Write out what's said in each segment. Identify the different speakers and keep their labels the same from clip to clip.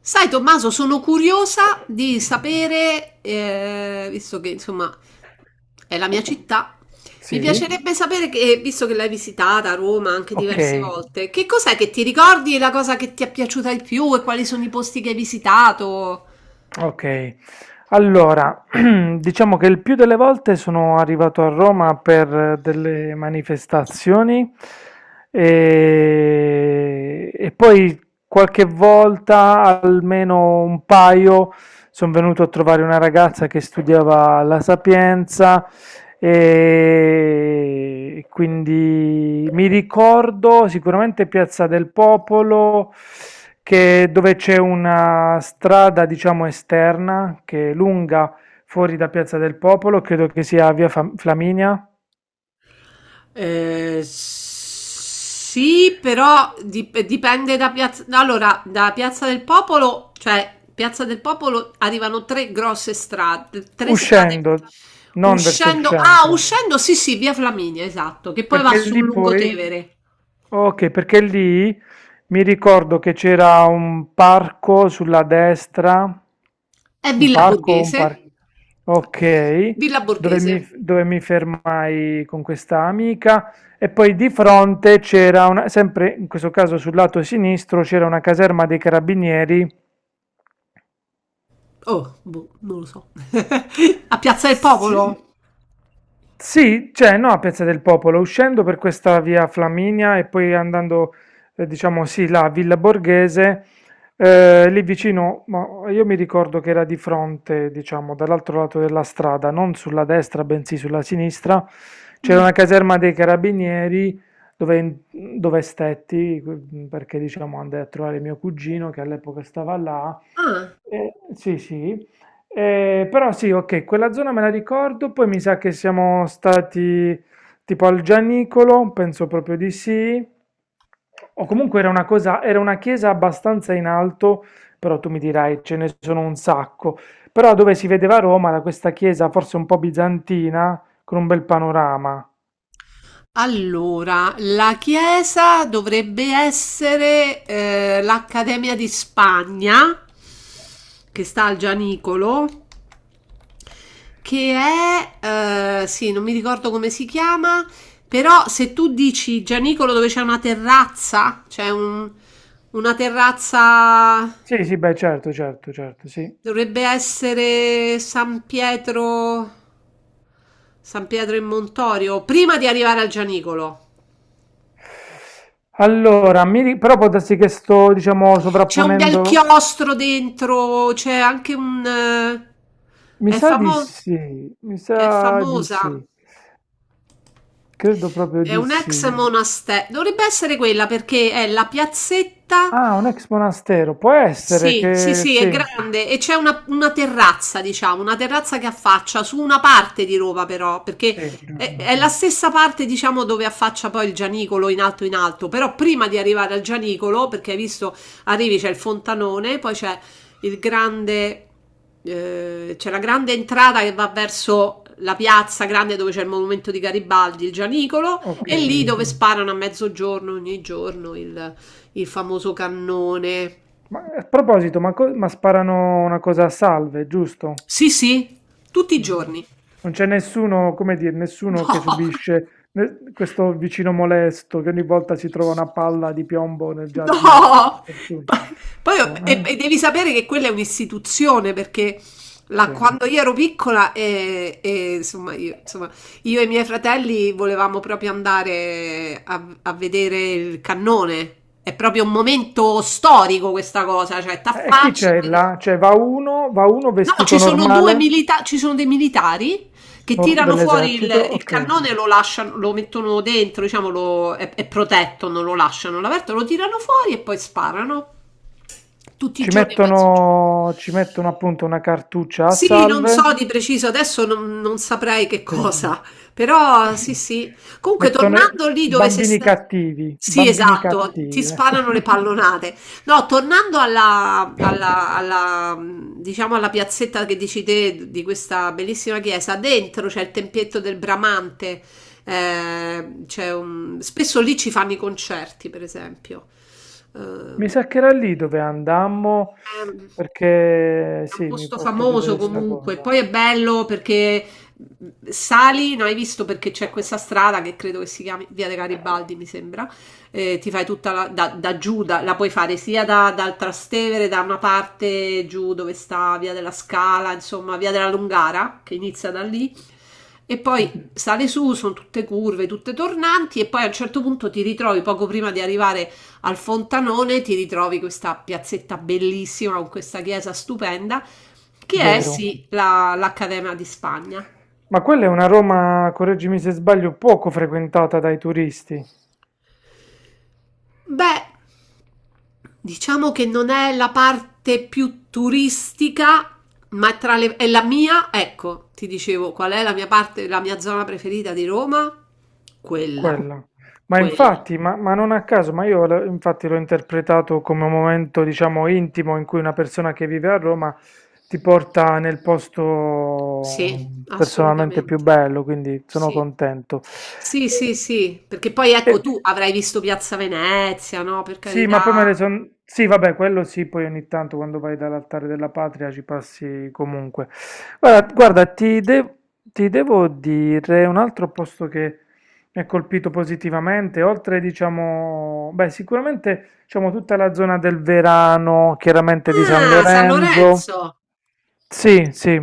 Speaker 1: Sai, Tommaso, sono curiosa di sapere, visto che insomma è la mia città, mi
Speaker 2: Sì,
Speaker 1: piacerebbe sapere che, visto che l'hai visitata a Roma anche
Speaker 2: ok,
Speaker 1: diverse volte, che cos'è che ti ricordi e la cosa che ti è piaciuta di più e quali sono i posti che hai visitato?
Speaker 2: ok. Allora, diciamo che il più delle volte sono arrivato a Roma per delle manifestazioni e poi qualche volta, almeno un paio, sono venuto a trovare una ragazza che studiava la Sapienza e quindi mi ricordo sicuramente Piazza del Popolo, che, dove c'è una strada, diciamo, esterna che è lunga fuori da Piazza del Popolo, credo che sia Flaminia,
Speaker 1: Sì, però dipende da piazza. Allora, da Piazza del Popolo, cioè Piazza del Popolo arrivano tre grosse strade, tre strade
Speaker 2: uscendo, non verso il
Speaker 1: uscendo. Ah,
Speaker 2: centro.
Speaker 1: uscendo, sì, sì, via Flaminia, esatto, che poi va
Speaker 2: Perché
Speaker 1: sul
Speaker 2: lì poi,
Speaker 1: Lungotevere.
Speaker 2: ok, perché lì mi ricordo che c'era un parco sulla destra,
Speaker 1: È
Speaker 2: un
Speaker 1: Villa
Speaker 2: parco, o un
Speaker 1: Borghese.
Speaker 2: parco, ok,
Speaker 1: Villa Borghese.
Speaker 2: dove mi fermai con questa amica e poi di fronte sempre in questo caso sul lato sinistro, c'era una caserma dei carabinieri.
Speaker 1: Oh, boh, non lo so. A Piazza del
Speaker 2: Sì,
Speaker 1: Popolo?
Speaker 2: sì, cioè no a Piazza del Popolo, uscendo per questa via Flaminia e poi andando, diciamo sì, là a Villa Borghese, lì vicino, ma io mi ricordo che era di fronte, diciamo, dall'altro lato della strada, non sulla destra, bensì sulla sinistra, c'era
Speaker 1: Mm.
Speaker 2: una caserma dei carabinieri dove, dove stetti, perché diciamo andai a trovare mio cugino che all'epoca stava là.
Speaker 1: Ah.
Speaker 2: Sì, sì, però sì, ok, quella zona me la ricordo, poi mi sa che siamo stati tipo al Gianicolo, penso proprio di sì, o comunque era una cosa, era una chiesa abbastanza in alto, però tu mi dirai ce ne sono un sacco, però dove si vedeva Roma da questa chiesa forse un po' bizantina, con un bel panorama.
Speaker 1: Allora, la chiesa dovrebbe essere l'Accademia di Spagna, che sta al Gianicolo, che è, sì, non mi ricordo come si chiama, però se tu dici Gianicolo dove c'è una terrazza, una terrazza,
Speaker 2: Sì, sì, beh, certo, certo, certo, sì.
Speaker 1: dovrebbe essere San Pietro, San Pietro in Montorio, prima di arrivare al Gianicolo.
Speaker 2: Allora, però può darsi che sto, diciamo,
Speaker 1: C'è un bel
Speaker 2: sovrapponendo.
Speaker 1: chiostro dentro, c'è anche un,
Speaker 2: Mi
Speaker 1: È
Speaker 2: sa di
Speaker 1: famos-
Speaker 2: sì, mi sa
Speaker 1: è
Speaker 2: di sì,
Speaker 1: famosa,
Speaker 2: credo proprio
Speaker 1: è
Speaker 2: di
Speaker 1: un ex
Speaker 2: sì.
Speaker 1: monastero. Dovrebbe essere quella perché è la piazzetta.
Speaker 2: Ah, un ex monastero, può essere
Speaker 1: Sì, sì,
Speaker 2: che
Speaker 1: sì, è
Speaker 2: sì,
Speaker 1: grande e c'è una terrazza, diciamo, una terrazza che affaccia su una parte di Roma però, perché
Speaker 2: sì,
Speaker 1: è,
Speaker 2: giusto.
Speaker 1: è la stessa parte, diciamo, dove affaccia poi il Gianicolo in alto, però prima di arrivare al Gianicolo, perché hai visto, arrivi c'è il fontanone, poi c'è il grande, c'è la grande entrata che va verso la piazza grande dove c'è il monumento di Garibaldi, il Gianicolo, e
Speaker 2: Ok,
Speaker 1: lì
Speaker 2: sì.
Speaker 1: dove sparano a mezzogiorno ogni giorno il famoso cannone.
Speaker 2: Ma a proposito, ma sparano una cosa a salve, giusto?
Speaker 1: Sì, sì, tutti i
Speaker 2: Mm.
Speaker 1: giorni.
Speaker 2: Non c'è nessuno, come dire, nessuno
Speaker 1: No,
Speaker 2: che subisce questo vicino molesto che ogni volta si trova una palla di piombo nel giardino, per
Speaker 1: no.
Speaker 2: fortuna.
Speaker 1: Pa- Poi, e,
Speaker 2: Eh,
Speaker 1: e devi sapere che quella è un'istituzione perché
Speaker 2: sì.
Speaker 1: quando io ero piccola insomma, insomma, io e i miei fratelli volevamo proprio andare a vedere il cannone. È proprio un momento storico questa cosa, cioè
Speaker 2: E chi
Speaker 1: t'affacci.
Speaker 2: c'è là? Cioè, va uno
Speaker 1: No, ci
Speaker 2: vestito
Speaker 1: sono due
Speaker 2: normale?
Speaker 1: militari, ci sono dei militari che tirano fuori il,
Speaker 2: Dell'esercito,
Speaker 1: il
Speaker 2: ok.
Speaker 1: cannone, lo lasciano, lo mettono dentro, diciamo, è protetto, non lo lasciano all'aperto, lo tirano fuori e poi sparano tutti i giorni a mezzogiorno.
Speaker 2: Ci mettono appunto una cartuccia a
Speaker 1: Sì, non
Speaker 2: salve.
Speaker 1: so di preciso, adesso non saprei che
Speaker 2: Sì.
Speaker 1: cosa, però sì, sì. Comunque,
Speaker 2: Mettono
Speaker 1: tornando lì dove sei
Speaker 2: bambini
Speaker 1: stato.
Speaker 2: cattivi,
Speaker 1: Sì,
Speaker 2: bambini
Speaker 1: esatto, ti
Speaker 2: cattivi,
Speaker 1: sparano le
Speaker 2: mettono.
Speaker 1: pallonate. No, tornando diciamo, alla piazzetta che dici te di questa bellissima chiesa, dentro c'è il tempietto del Bramante, spesso lì ci fanno i concerti, per esempio.
Speaker 2: Mi sa che era lì dove andammo,
Speaker 1: Ehm,
Speaker 2: perché
Speaker 1: È un
Speaker 2: sì, mi
Speaker 1: posto
Speaker 2: porto a
Speaker 1: famoso
Speaker 2: vedere sta
Speaker 1: comunque,
Speaker 2: cosa.
Speaker 1: poi è bello perché sali, non hai visto perché c'è questa strada che credo che si chiami Via dei Garibaldi, mi sembra, ti fai tutta la, da giù, la puoi fare sia dal Trastevere, da una parte giù dove sta Via della Scala, insomma Via della Lungara, che inizia da lì, e
Speaker 2: Sì,
Speaker 1: poi sale su, sono tutte curve, tutte tornanti, e poi a un certo punto ti ritrovi poco prima di arrivare al Fontanone ti ritrovi questa piazzetta bellissima con questa chiesa stupenda che è
Speaker 2: vero.
Speaker 1: sì l'Accademia di Spagna.
Speaker 2: Ma quella è una Roma, correggimi se sbaglio, poco frequentata dai turisti.
Speaker 1: Beh, diciamo che non è la parte più turistica, ma tra le, è la mia, ecco, ti dicevo qual è la mia parte, la mia zona preferita di Roma? Quella,
Speaker 2: Quella. Ma
Speaker 1: quella.
Speaker 2: infatti, ma non a caso, infatti l'ho interpretato come un momento, diciamo, intimo in cui una persona che vive a Roma ti porta nel
Speaker 1: Sì,
Speaker 2: posto personalmente più
Speaker 1: assolutamente.
Speaker 2: bello, quindi sono
Speaker 1: Sì.
Speaker 2: contento.
Speaker 1: Sì,
Speaker 2: E,
Speaker 1: sì, sì, perché poi
Speaker 2: e
Speaker 1: ecco tu avrai visto Piazza Venezia, no? Per
Speaker 2: sì, ma poi me le
Speaker 1: carità.
Speaker 2: son... Sì, vabbè, quello sì, poi ogni tanto quando vai dall'altare della patria ci passi comunque. Guarda, guarda, ti, de- ti devo dire un altro posto che mi ha colpito positivamente, oltre, diciamo, beh, sicuramente, diciamo, tutta la zona del Verano, chiaramente di San
Speaker 1: Ah, San
Speaker 2: Lorenzo.
Speaker 1: Lorenzo.
Speaker 2: Sì, sì,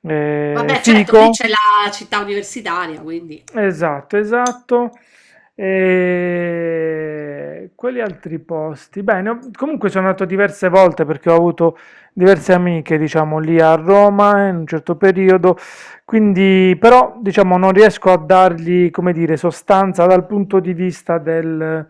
Speaker 2: eh,
Speaker 1: Vabbè, certo, lì
Speaker 2: fico.
Speaker 1: c'è la città universitaria, quindi.
Speaker 2: Esatto, esatto. E quali altri posti? Beh, comunque sono andato diverse volte perché ho avuto diverse amiche, diciamo, lì a Roma in un certo periodo, quindi però, diciamo, non riesco a dargli, come dire, sostanza dal punto di vista del,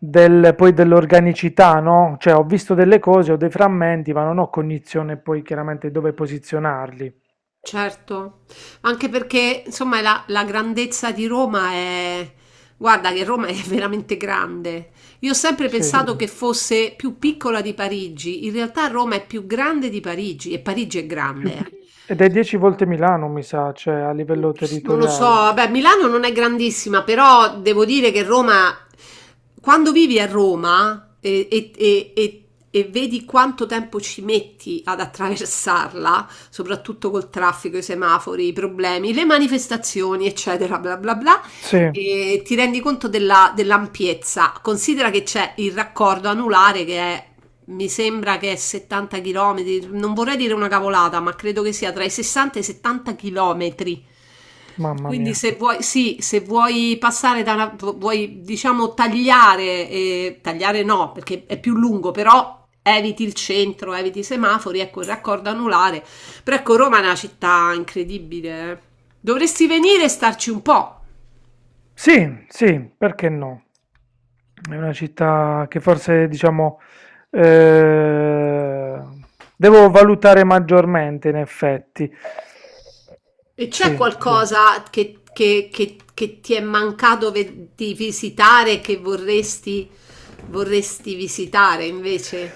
Speaker 2: del- poi dell'organicità, no? Cioè, ho visto delle cose, ho dei frammenti, ma non ho cognizione poi chiaramente dove posizionarli.
Speaker 1: Certo, anche perché insomma la grandezza di Roma è. Guarda che Roma è veramente grande. Io ho sempre
Speaker 2: Sì.
Speaker 1: pensato che fosse più piccola di Parigi, in realtà Roma è più grande di Parigi e Parigi è grande.
Speaker 2: Più
Speaker 1: Eh.
Speaker 2: ed è 10 volte Milano mi sa, cioè a livello
Speaker 1: Non lo so,
Speaker 2: territoriale.
Speaker 1: vabbè, Milano non è grandissima, però devo dire che Roma, quando vivi a Roma e vedi quanto tempo ci metti ad attraversarla, soprattutto col traffico, i semafori, i problemi, le manifestazioni, eccetera, bla bla bla,
Speaker 2: Sì,
Speaker 1: e ti rendi conto dell'ampiezza. Considera che c'è il raccordo anulare che è, mi sembra che è 70 km, non vorrei dire una cavolata, ma credo che sia tra i 60 e i 70 km.
Speaker 2: mamma
Speaker 1: Quindi
Speaker 2: mia.
Speaker 1: se vuoi, sì, se vuoi passare da una, vuoi diciamo tagliare, no, perché è più lungo, però eviti il centro, eviti i semafori, ecco il raccordo anulare. Però ecco, Roma è una città incredibile. Eh. Dovresti venire e starci un po'.
Speaker 2: Sì, sì, perché no? È una città che forse, diciamo, eh, devo valutare maggiormente, in effetti.
Speaker 1: E c'è
Speaker 2: Sì, sì.
Speaker 1: qualcosa che, che ti è mancato di visitare che vorresti, vorresti visitare invece?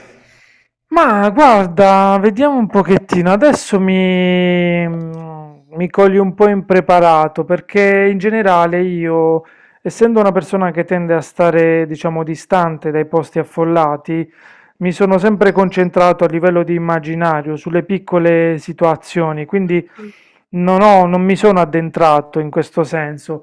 Speaker 2: Ma guarda, vediamo un pochettino. Adesso mi cogli un po' impreparato perché in generale io, essendo una persona che tende a stare, diciamo, distante dai posti affollati, mi sono sempre concentrato a livello di immaginario sulle piccole situazioni, quindi
Speaker 1: Mm.
Speaker 2: non mi sono addentrato in questo senso.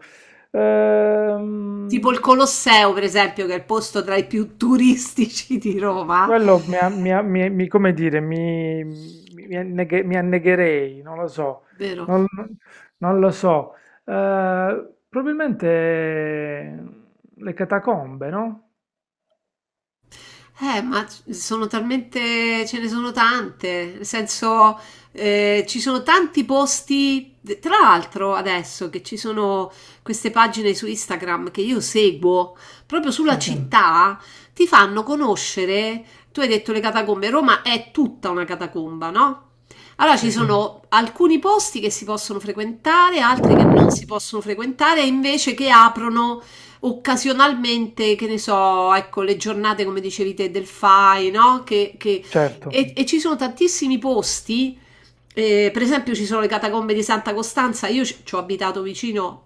Speaker 1: Tipo
Speaker 2: Ehm,
Speaker 1: il Colosseo, per esempio, che è il posto tra i più turistici di Roma.
Speaker 2: Quello mi, a- mi a- mi- mi- come dire, mi mi annegherei, non lo so,
Speaker 1: Vero.
Speaker 2: non, non lo so. Probabilmente le catacombe, no?
Speaker 1: Ma sono talmente, ce ne sono tante, nel senso, ci sono tanti posti, tra l'altro adesso che ci sono queste pagine su Instagram che io seguo, proprio sulla
Speaker 2: Sì,
Speaker 1: Città, ti fanno conoscere, tu hai detto le catacombe, Roma è tutta una catacomba, no? Allora ci
Speaker 2: sì,
Speaker 1: sono alcuni posti che si possono frequentare, altri che non si possono frequentare, invece che aprono occasionalmente, che ne so, ecco, le giornate, come dicevi te, del FAI, no?
Speaker 2: certo.
Speaker 1: E ci sono tantissimi posti, per esempio ci sono le catacombe di Santa Costanza, io ci ho abitato vicino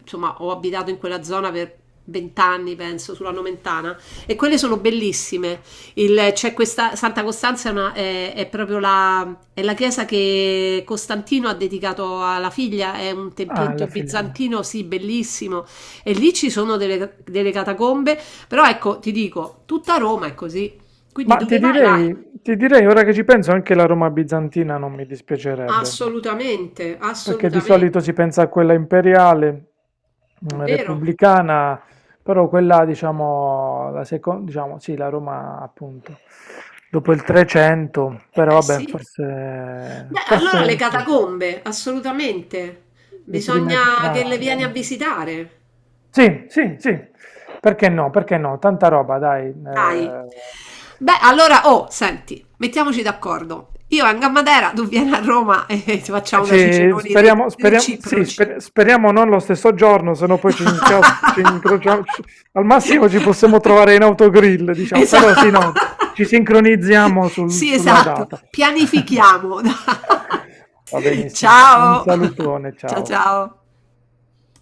Speaker 1: insomma, ho abitato in quella zona per 20 anni, penso, sulla Nomentana, e quelle sono bellissime. C'è questa Santa Costanza è, è proprio è la chiesa che Costantino ha dedicato alla figlia, è un
Speaker 2: Ah,
Speaker 1: tempietto
Speaker 2: la figlia.
Speaker 1: bizantino, sì, bellissimo. E lì ci sono delle catacombe, però ecco, ti dico, tutta Roma è così. Quindi
Speaker 2: Ma
Speaker 1: dove vai? Vai.
Speaker 2: ti direi, ora che ci penso, anche la Roma bizantina non mi dispiacerebbe.
Speaker 1: Assolutamente,
Speaker 2: Perché di solito si
Speaker 1: assolutamente.
Speaker 2: pensa a quella imperiale, mm,
Speaker 1: Vero?
Speaker 2: repubblicana, però quella, diciamo, la seconda, diciamo, sì, la Roma appunto, dopo il 300, però
Speaker 1: Eh
Speaker 2: vabbè,
Speaker 1: sì.
Speaker 2: forse,
Speaker 1: Beh, allora le
Speaker 2: forse sì,
Speaker 1: catacombe, assolutamente.
Speaker 2: le prime
Speaker 1: Bisogna che le vieni a
Speaker 2: tracce.
Speaker 1: visitare.
Speaker 2: Sì, sì, sì, perché no, tanta roba, dai.
Speaker 1: Dai.
Speaker 2: Eh,
Speaker 1: Beh, allora, oh, senti, mettiamoci d'accordo. Io vengo a Matera, tu vieni a Roma e ci
Speaker 2: eh,
Speaker 1: facciamo da
Speaker 2: ci,
Speaker 1: ciceroni
Speaker 2: speriamo, speriamo, sì,
Speaker 1: reciproci.
Speaker 2: speriamo non lo stesso giorno, se no poi ci incrociamo. Al massimo ci possiamo trovare in autogrill, diciamo, però sì, no,
Speaker 1: Esatto.
Speaker 2: ci sincronizziamo
Speaker 1: Sì,
Speaker 2: sulla
Speaker 1: esatto.
Speaker 2: data.
Speaker 1: Pianifichiamo.
Speaker 2: Va benissimo, un
Speaker 1: Ciao.
Speaker 2: salutone,
Speaker 1: Ciao,
Speaker 2: ciao.
Speaker 1: ciao.